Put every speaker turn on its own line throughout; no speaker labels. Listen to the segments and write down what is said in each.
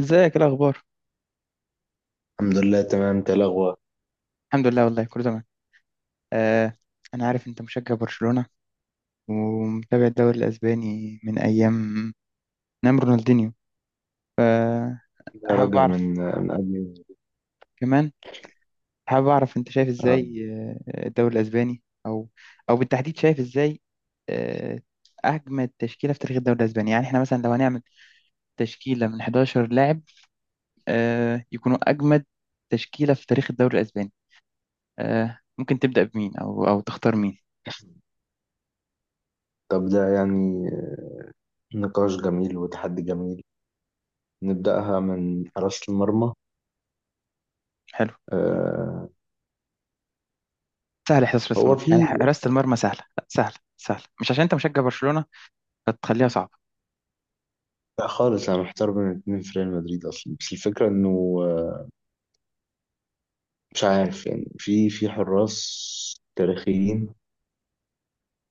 ازيك؟ ايه الاخبار؟
الحمد لله، تمام. انت إيه الاخبار؟
الحمد لله والله كله تمام. آه. انا عارف انت مشجع برشلونة ومتابع الدوري الاسباني من ايام. نعم رونالدينيو.
يا
حابب
راجل، من
اعرف
من قبل.
كمان. حابب اعرف انت شايف
آه.
ازاي. الدوري الاسباني او بالتحديد شايف ازاي؟ آه، اجمد تشكيلة في تاريخ الدوري الاسباني، يعني احنا مثلا لو هنعمل تشكيلة من 11 لاعب يكونوا اجمد تشكيلة في تاريخ الدوري الاسباني. ممكن تبدأ بمين او تختار مين؟
طب ده يعني نقاش جميل وتحدي جميل. نبدأها من حراسة المرمى.
حلو.
آه،
سهل، حراسة
هو
المرمى يعني
في.
حراسة المرمى سهلة، لا سهلة سهلة، مش عشان انت مشجع برشلونة فتخليها صعبة.
لا خالص، انا محتار بين اتنين في ريال مدريد اصلا، بس الفكرة انه آه، مش عارف يعني في حراس تاريخيين،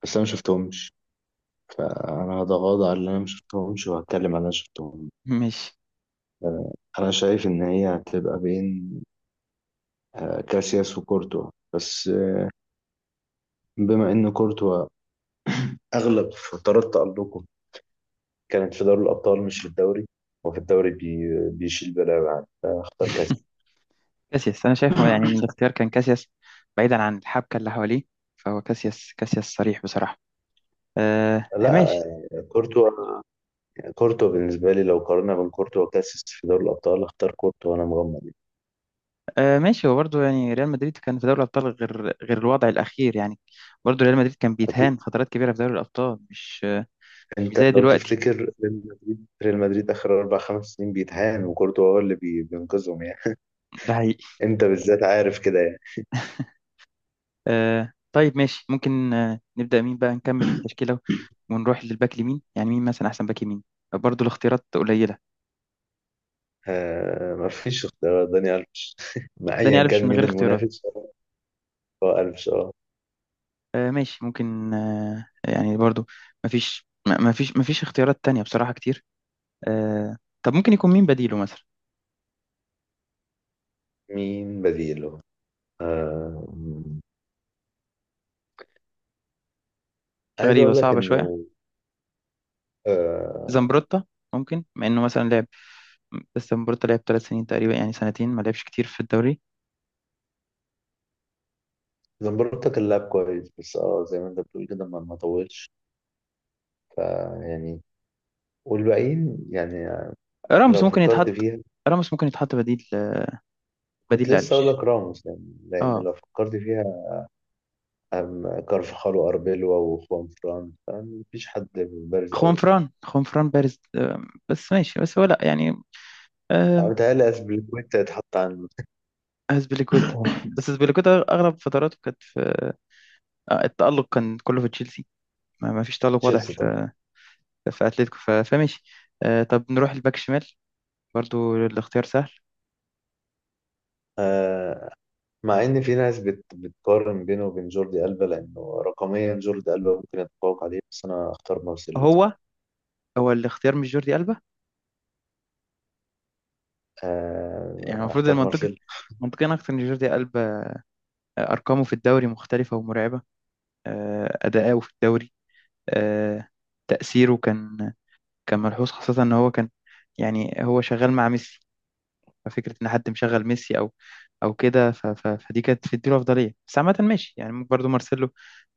بس انا ما شفتهمش، فانا هتغاضى على اللي انا ما شفتهمش وهتكلم على اللي انا شفتهم.
ماشي.
آه، انا شايف ان هي هتبقى بين كاسياس وكورتوا، بس بما ان كورتوا أغلب فترات تألقه كانت في دوري الأبطال مش في الدوري، وفي الدوري بيشيل بلاوي عادي، فاختار كاس.
كاسياس، انا شايف يعني من الاختيار كان كاسياس، بعيدا عن الحبكة اللي حواليه، فهو كاسياس صريح بصراحة. آه
لا،
ماشي.
كورتوا. كورتوا بالنسبة لي لو قارنا بين كورتوا وكاسيس في دوري الأبطال اختار كورتوا وأنا مغمض يعني.
آه ماشي، هو برضه يعني ريال مدريد كان في دوري الابطال غير الوضع الاخير، يعني برضه ريال مدريد كان
أكيد.
بيتهان فترات كبيرة في دوري الابطال، مش
أنت
زي
لو
دلوقتي.
تفتكر ريال مدريد آخر أربع خمس سنين بيتهان، وكورتوا هو اللي بينقذهم يعني.
ده.
أنت بالذات عارف كده يعني.
آه طيب ماشي، ممكن نبدأ مين بقى نكمل التشكيلة، ونروح للباك اليمين. يعني مين مثلا أحسن باك يمين؟ برضو الاختيارات قليلة.
آه، مفيش اختيار، داني ألفيش، ما
داني
أيا
ألفيش
كان
من
مين
غير اختيارات.
المنافس. هو ألفيش، أه.
آه ماشي، ممكن يعني برضو مفيش م- مفيش مفيش اختيارات تانية بصراحة كتير. آه. طب ممكن يكون مين بديله مثلا؟
مين بديله؟ آه، عايز
غريبة،
اقول لك
صعبة شوية.
انه آه
زمبروتا ممكن مع إنه مثلا لعب، بس زمبروتا لعب 3 سنين تقريبا، يعني سنتين ما لعبش كتير في الدوري.
زمبروتا كان لاعب كويس، بس زي ما انت بتقول كده ما طولش، فيعني، والباقيين يعني.
راموس
لو
ممكن
فكرت
يتحط
فيها،
راموس ممكن يتحط بديل، بديل
كنت لسه اقول
لألفيش.
لك راموس يعني، لان
اه.
لو فكرت فيها كارفخال واربيلو وخوان فران، مفيش حد بارز
خوان
قوي.
فران خوان فران بارز، بس ماشي، بس هو لا يعني
انا
آه،
متهيألي اسبليكويتا يتحط عن
أسبليكويتا. بس أسبليكويتا أغلب فتراته كانت في التألق كان كله في تشيلسي، ما فيش تألق واضح
تشيلسي طبعا.
في أتلتيكو، فماشي. طب نروح الباك شمال، برضو الاختيار سهل.
آه، مع ان في ناس بتقارن بينه وبين جوردي ألبا، لانه رقميا جوردي ألبا ممكن يتفوق عليه، بس انا اختار مارسيلو.
هو هو الاختيار مش جوردي ألبا؟
آه،
يعني المفروض
اختار
المنطقي،
مارسيلو.
منطقيا أكتر إن جوردي ألبا أرقامه في الدوري مختلفة ومرعبة، أداؤه في الدوري آه، تأثيره كان ملحوظ، خاصة إن هو كان يعني هو شغال مع ميسي، ففكرة إن حد مشغل ميسي أو كده، فدي كانت بتديله أفضلية، بس عامة ماشي يعني ممكن برضه مارسيلو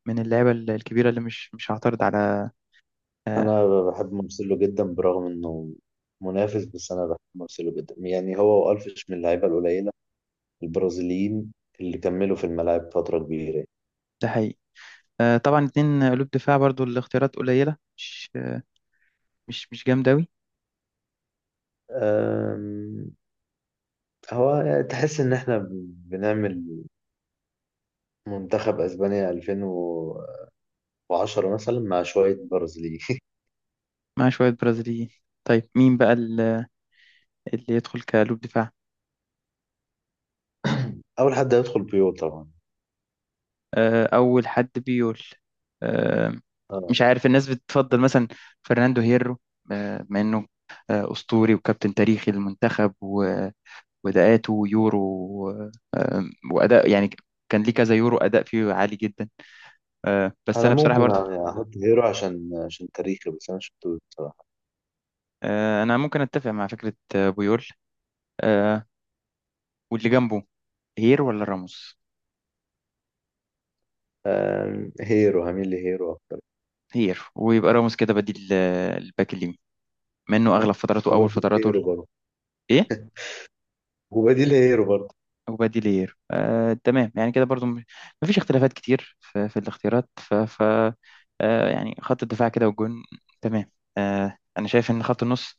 من اللعيبة الكبيرة اللي مش هعترض على.
انا بحب مارسيلو جدا برغم انه منافس، بس انا بحب مارسيلو جدا. يعني هو والفيش من اللعيبه القليله البرازيليين اللي كملوا في الملاعب فتره كبيره.
ده حقيقي. طبعا اتنين قلوب دفاع، برضه الاختيارات قليلة، مش مش جامدة أوي.
آم، هو يعني تحس ان احنا بنعمل منتخب اسبانيا 2010 مثلا مع شويه برازيليين.
مع شوية برازيليين. طيب مين بقى اللي يدخل كقلوب دفاع؟
اول حد هيدخل بيو طبعا.
أول حد بيقول آه،
آه.
مش عارف الناس بتفضل مثلا فرناندو هيرو، بما إنه أسطوري وكابتن تاريخي للمنتخب، واداءاته يورو آه، واداء يعني كان ليه كذا يورو اداء فيه عالي جدا. بس
انا
انا بصراحه
ممكن
برضه
يعني احط هيرو عشان تاريخي، بس انا شفتوش بصراحه.
انا ممكن اتفق مع فكره بويول. آه، واللي جنبه، هير ولا راموس؟
هيرو، هميل لهيرو.
هير ويبقى راموس كده بديل، الباك اليمين منه اغلب فتراته اول
وبديل
فتراته
هيرو برضه.
ايه.
وبديل هيرو برضه.
وبديل هير، تمام يعني كده برضه مفيش اختلافات كتير في الاختيارات، ف, ف يعني خط الدفاع كده والجون. تمام. انا شايف ان خط النص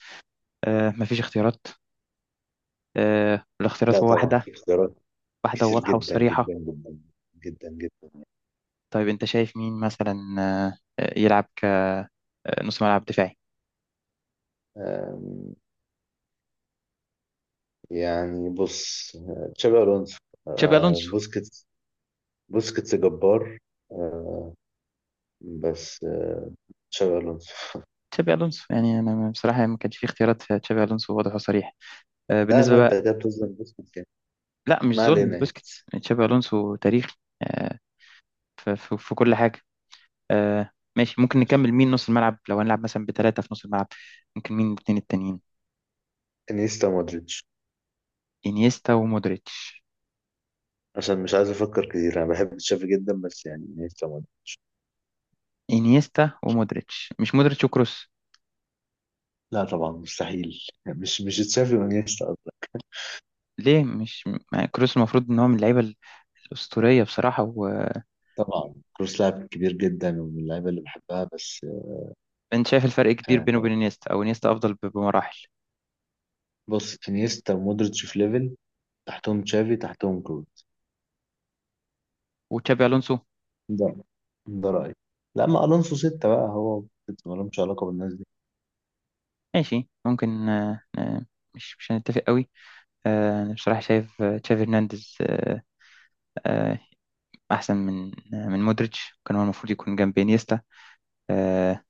مفيش اختيارات،
لا
الاختيارات هو
طبعا
واحدة،
في اختيارات
واحدة
كتير
وواضحة
جدا
وصريحة.
جدا جدا جدا جدا.
طيب أنت شايف مين مثلا يلعب كنص ملعب دفاعي؟
آم، يعني بص، تشابي الونسو،
تشابي ألونسو.
بوسكيتس. بوسكيتس جبار. آه، بس تشابي الونسو.
تشابي ألونسو يعني أنا بصراحة ما كانش في اختيارات، في تشابي ألونسو واضح وصريح
لا
بالنسبة
لا، انت
بقى.
كده بتظلم بوسكيتس يعني.
لا، مش
ما
ظلم
علينا يعني.
لبوسكيتس، تشابي ألونسو تاريخي آه، في كل حاجة. آه، ماشي ممكن
ماشي،
نكمل مين نص الملعب، لو هنلعب مثلا بثلاثة في نص الملعب ممكن مين الاثنين التانيين؟
انيستا مودريتش.
إنيستا ومودريتش.
عشان مش عايز افكر كتير، انا بحب تشافي جدا بس يعني انيستا مودريتش.
إنيستا ومودريتش مش مودريتش وكروس؟
لا طبعا، مستحيل. مش تشافي وانيستا أصلاً.
ليه مش مع كروس؟ المفروض ان هو من اللعيبه الاسطوريه بصراحه، وانت
طبعا كروس لاعب كبير جدا ومن اللعيبه اللي بحبها، بس
شايف الفرق كبير بينه
آه،
وبين انيستا، او انيستا افضل بمراحل
بص، انيستا ومودريتش في ليفل، تحتهم تشافي، تحتهم كروس.
وتشابي الونسو؟
ده ده رأيي. لا، ما الونسو ستة بقى هو، ستة مالهمش علاقة بالناس دي.
ماشي ممكن مش هنتفق قوي. انا بصراحه شايف تشافي هرنانديز آه، احسن من من مودريتش، كان هو المفروض يكون جنب انيستا آه،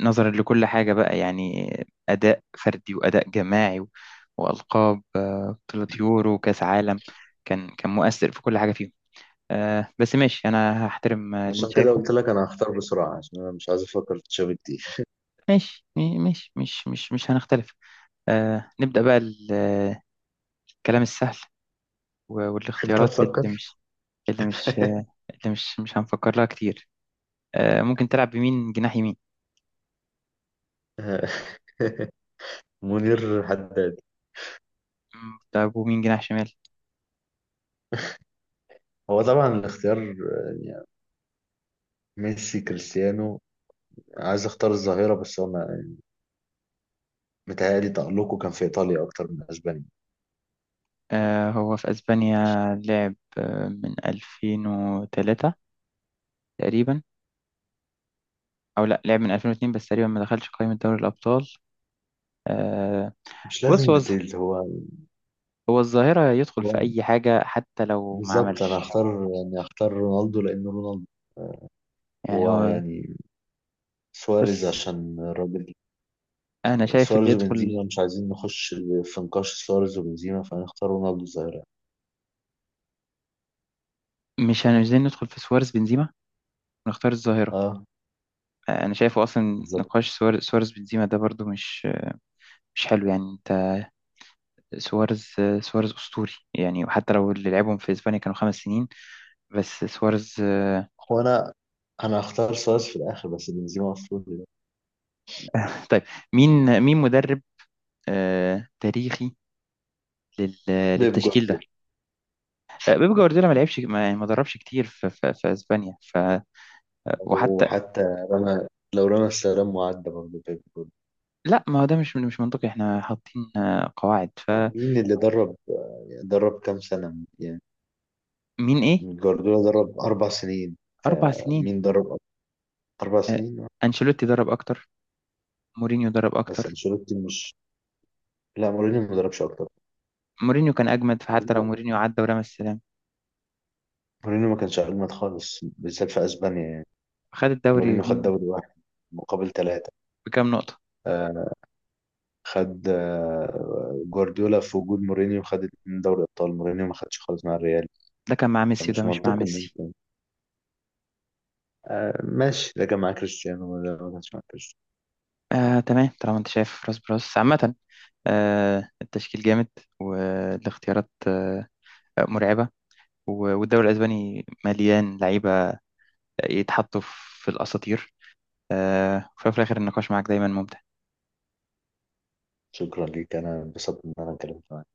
نظرا لكل حاجه بقى، يعني اداء فردي واداء جماعي والقاب بطوله يورو وكاس عالم، كان مؤثر في كل حاجه فيهم. آه بس ماشي، انا هحترم اللي انت
عشان كده
شايفه.
قلت لك انا هختار بسرعة، عشان انا مش عايز افكر في تشافي كتير.
ماشي. ماشي مش هنختلف. آه نبدأ بقى الكلام السهل
انت
والاختيارات اللي
هتفكر.
مش، اللي مش آه، اللي مش هنفكر لها كتير. آه ممكن تلعب بمين جناح يمين؟
منير حداد.
طب ومين جناح شمال؟
هو طبعا الاختيار، يعني ميسي كريستيانو. عايز اختار الظاهرة بس هو متهيألي تألقه كان في ايطاليا اكتر من اسبانيا.
آه هو في اسبانيا لعب من 2003 تقريبا. او لا، لعب من 2002 بس تقريبا ما دخلش قائمة دوري الابطال. آه.
مش
بص
لازم
هو
ديتيلز هو.
هو الظاهرة يدخل في
هو
اي حاجة حتى لو ما
بالظبط، انا
عملش
هختار، يعني هختار رونالدو لانه رونالدو،
يعني. هو،
ويعني سواريز
بس
عشان الراجل.
انا شايف اللي
سواريز
يدخل،
وبنزيما، مش عايزين نخش في نقاش سواريز وبنزيما، فهنختار رونالدو الظاهرة.
مش عايزين ندخل في سوارز بنزيما ونختار الظاهرة.
اه،
انا شايفه اصلا
بالظبط.
نقاش سوارز بنزيما ده برضو مش حلو، يعني انت سوارز. سوارز اسطوري، يعني وحتى لو اللي لعبهم في اسبانيا كانوا 5 سنين بس سوارز.
هو، انا هختار سواريز في الاخر، بس بنزيما مفروض يبقى.
طيب مين مدرب تاريخي لل-
بيب
للتشكيل ده؟
جوارديولا.
بيب جوارديولا ما لعبش ما يعني ما دربش كتير في اسبانيا. وحتى
وحتى رمى لو رمى السلام وعدى برضه بيب جوارديولا.
لا، ما هو ده مش منطقي، احنا حاطين قواعد. فمين؟
مين اللي درب، يعني درب كام سنة يعني؟
ايه؟
جوارديولا درب 4 سنين،
4 سنين.
فمين درب أكتر؟ أربع
آه،
سنين
أنشيلوتي درب أكتر. مورينيو درب
بس
أكتر،
أنشيلوتي مش. لا مورينيو ما دربش
مورينيو كان أجمد، فحتى لو
أكتر.
مورينيو عدى ورمى السلام
مورينيو ما كانش أجمد خالص بالذات في أسبانيا يعني.
خد الدوري
مورينيو خد
منه
دوري واحد مقابل 3.
بكام نقطة.
آه، خد جوارديولا في وجود مورينيو خد 2 دوري أبطال، مورينيو ما خدش خالص مع الريال،
ده كان مع ميسي وده
فمش
مش مع
منطقي إن
ميسي.
أنت. آه ماشي، ده كان مع كريستيانو ولا ما كانش مع كريستيانو.
آه تمام، طالما أنت شايف راس براس. عامة آه التشكيل جامد، والاختيارات آه مرعبة، والدوري الأسباني مليان لعيبة يتحطوا في الأساطير. آه وفي الآخر النقاش معاك دايما ممتع.
شكرا ليك، أنا انبسطت إن أنا اتكلمت.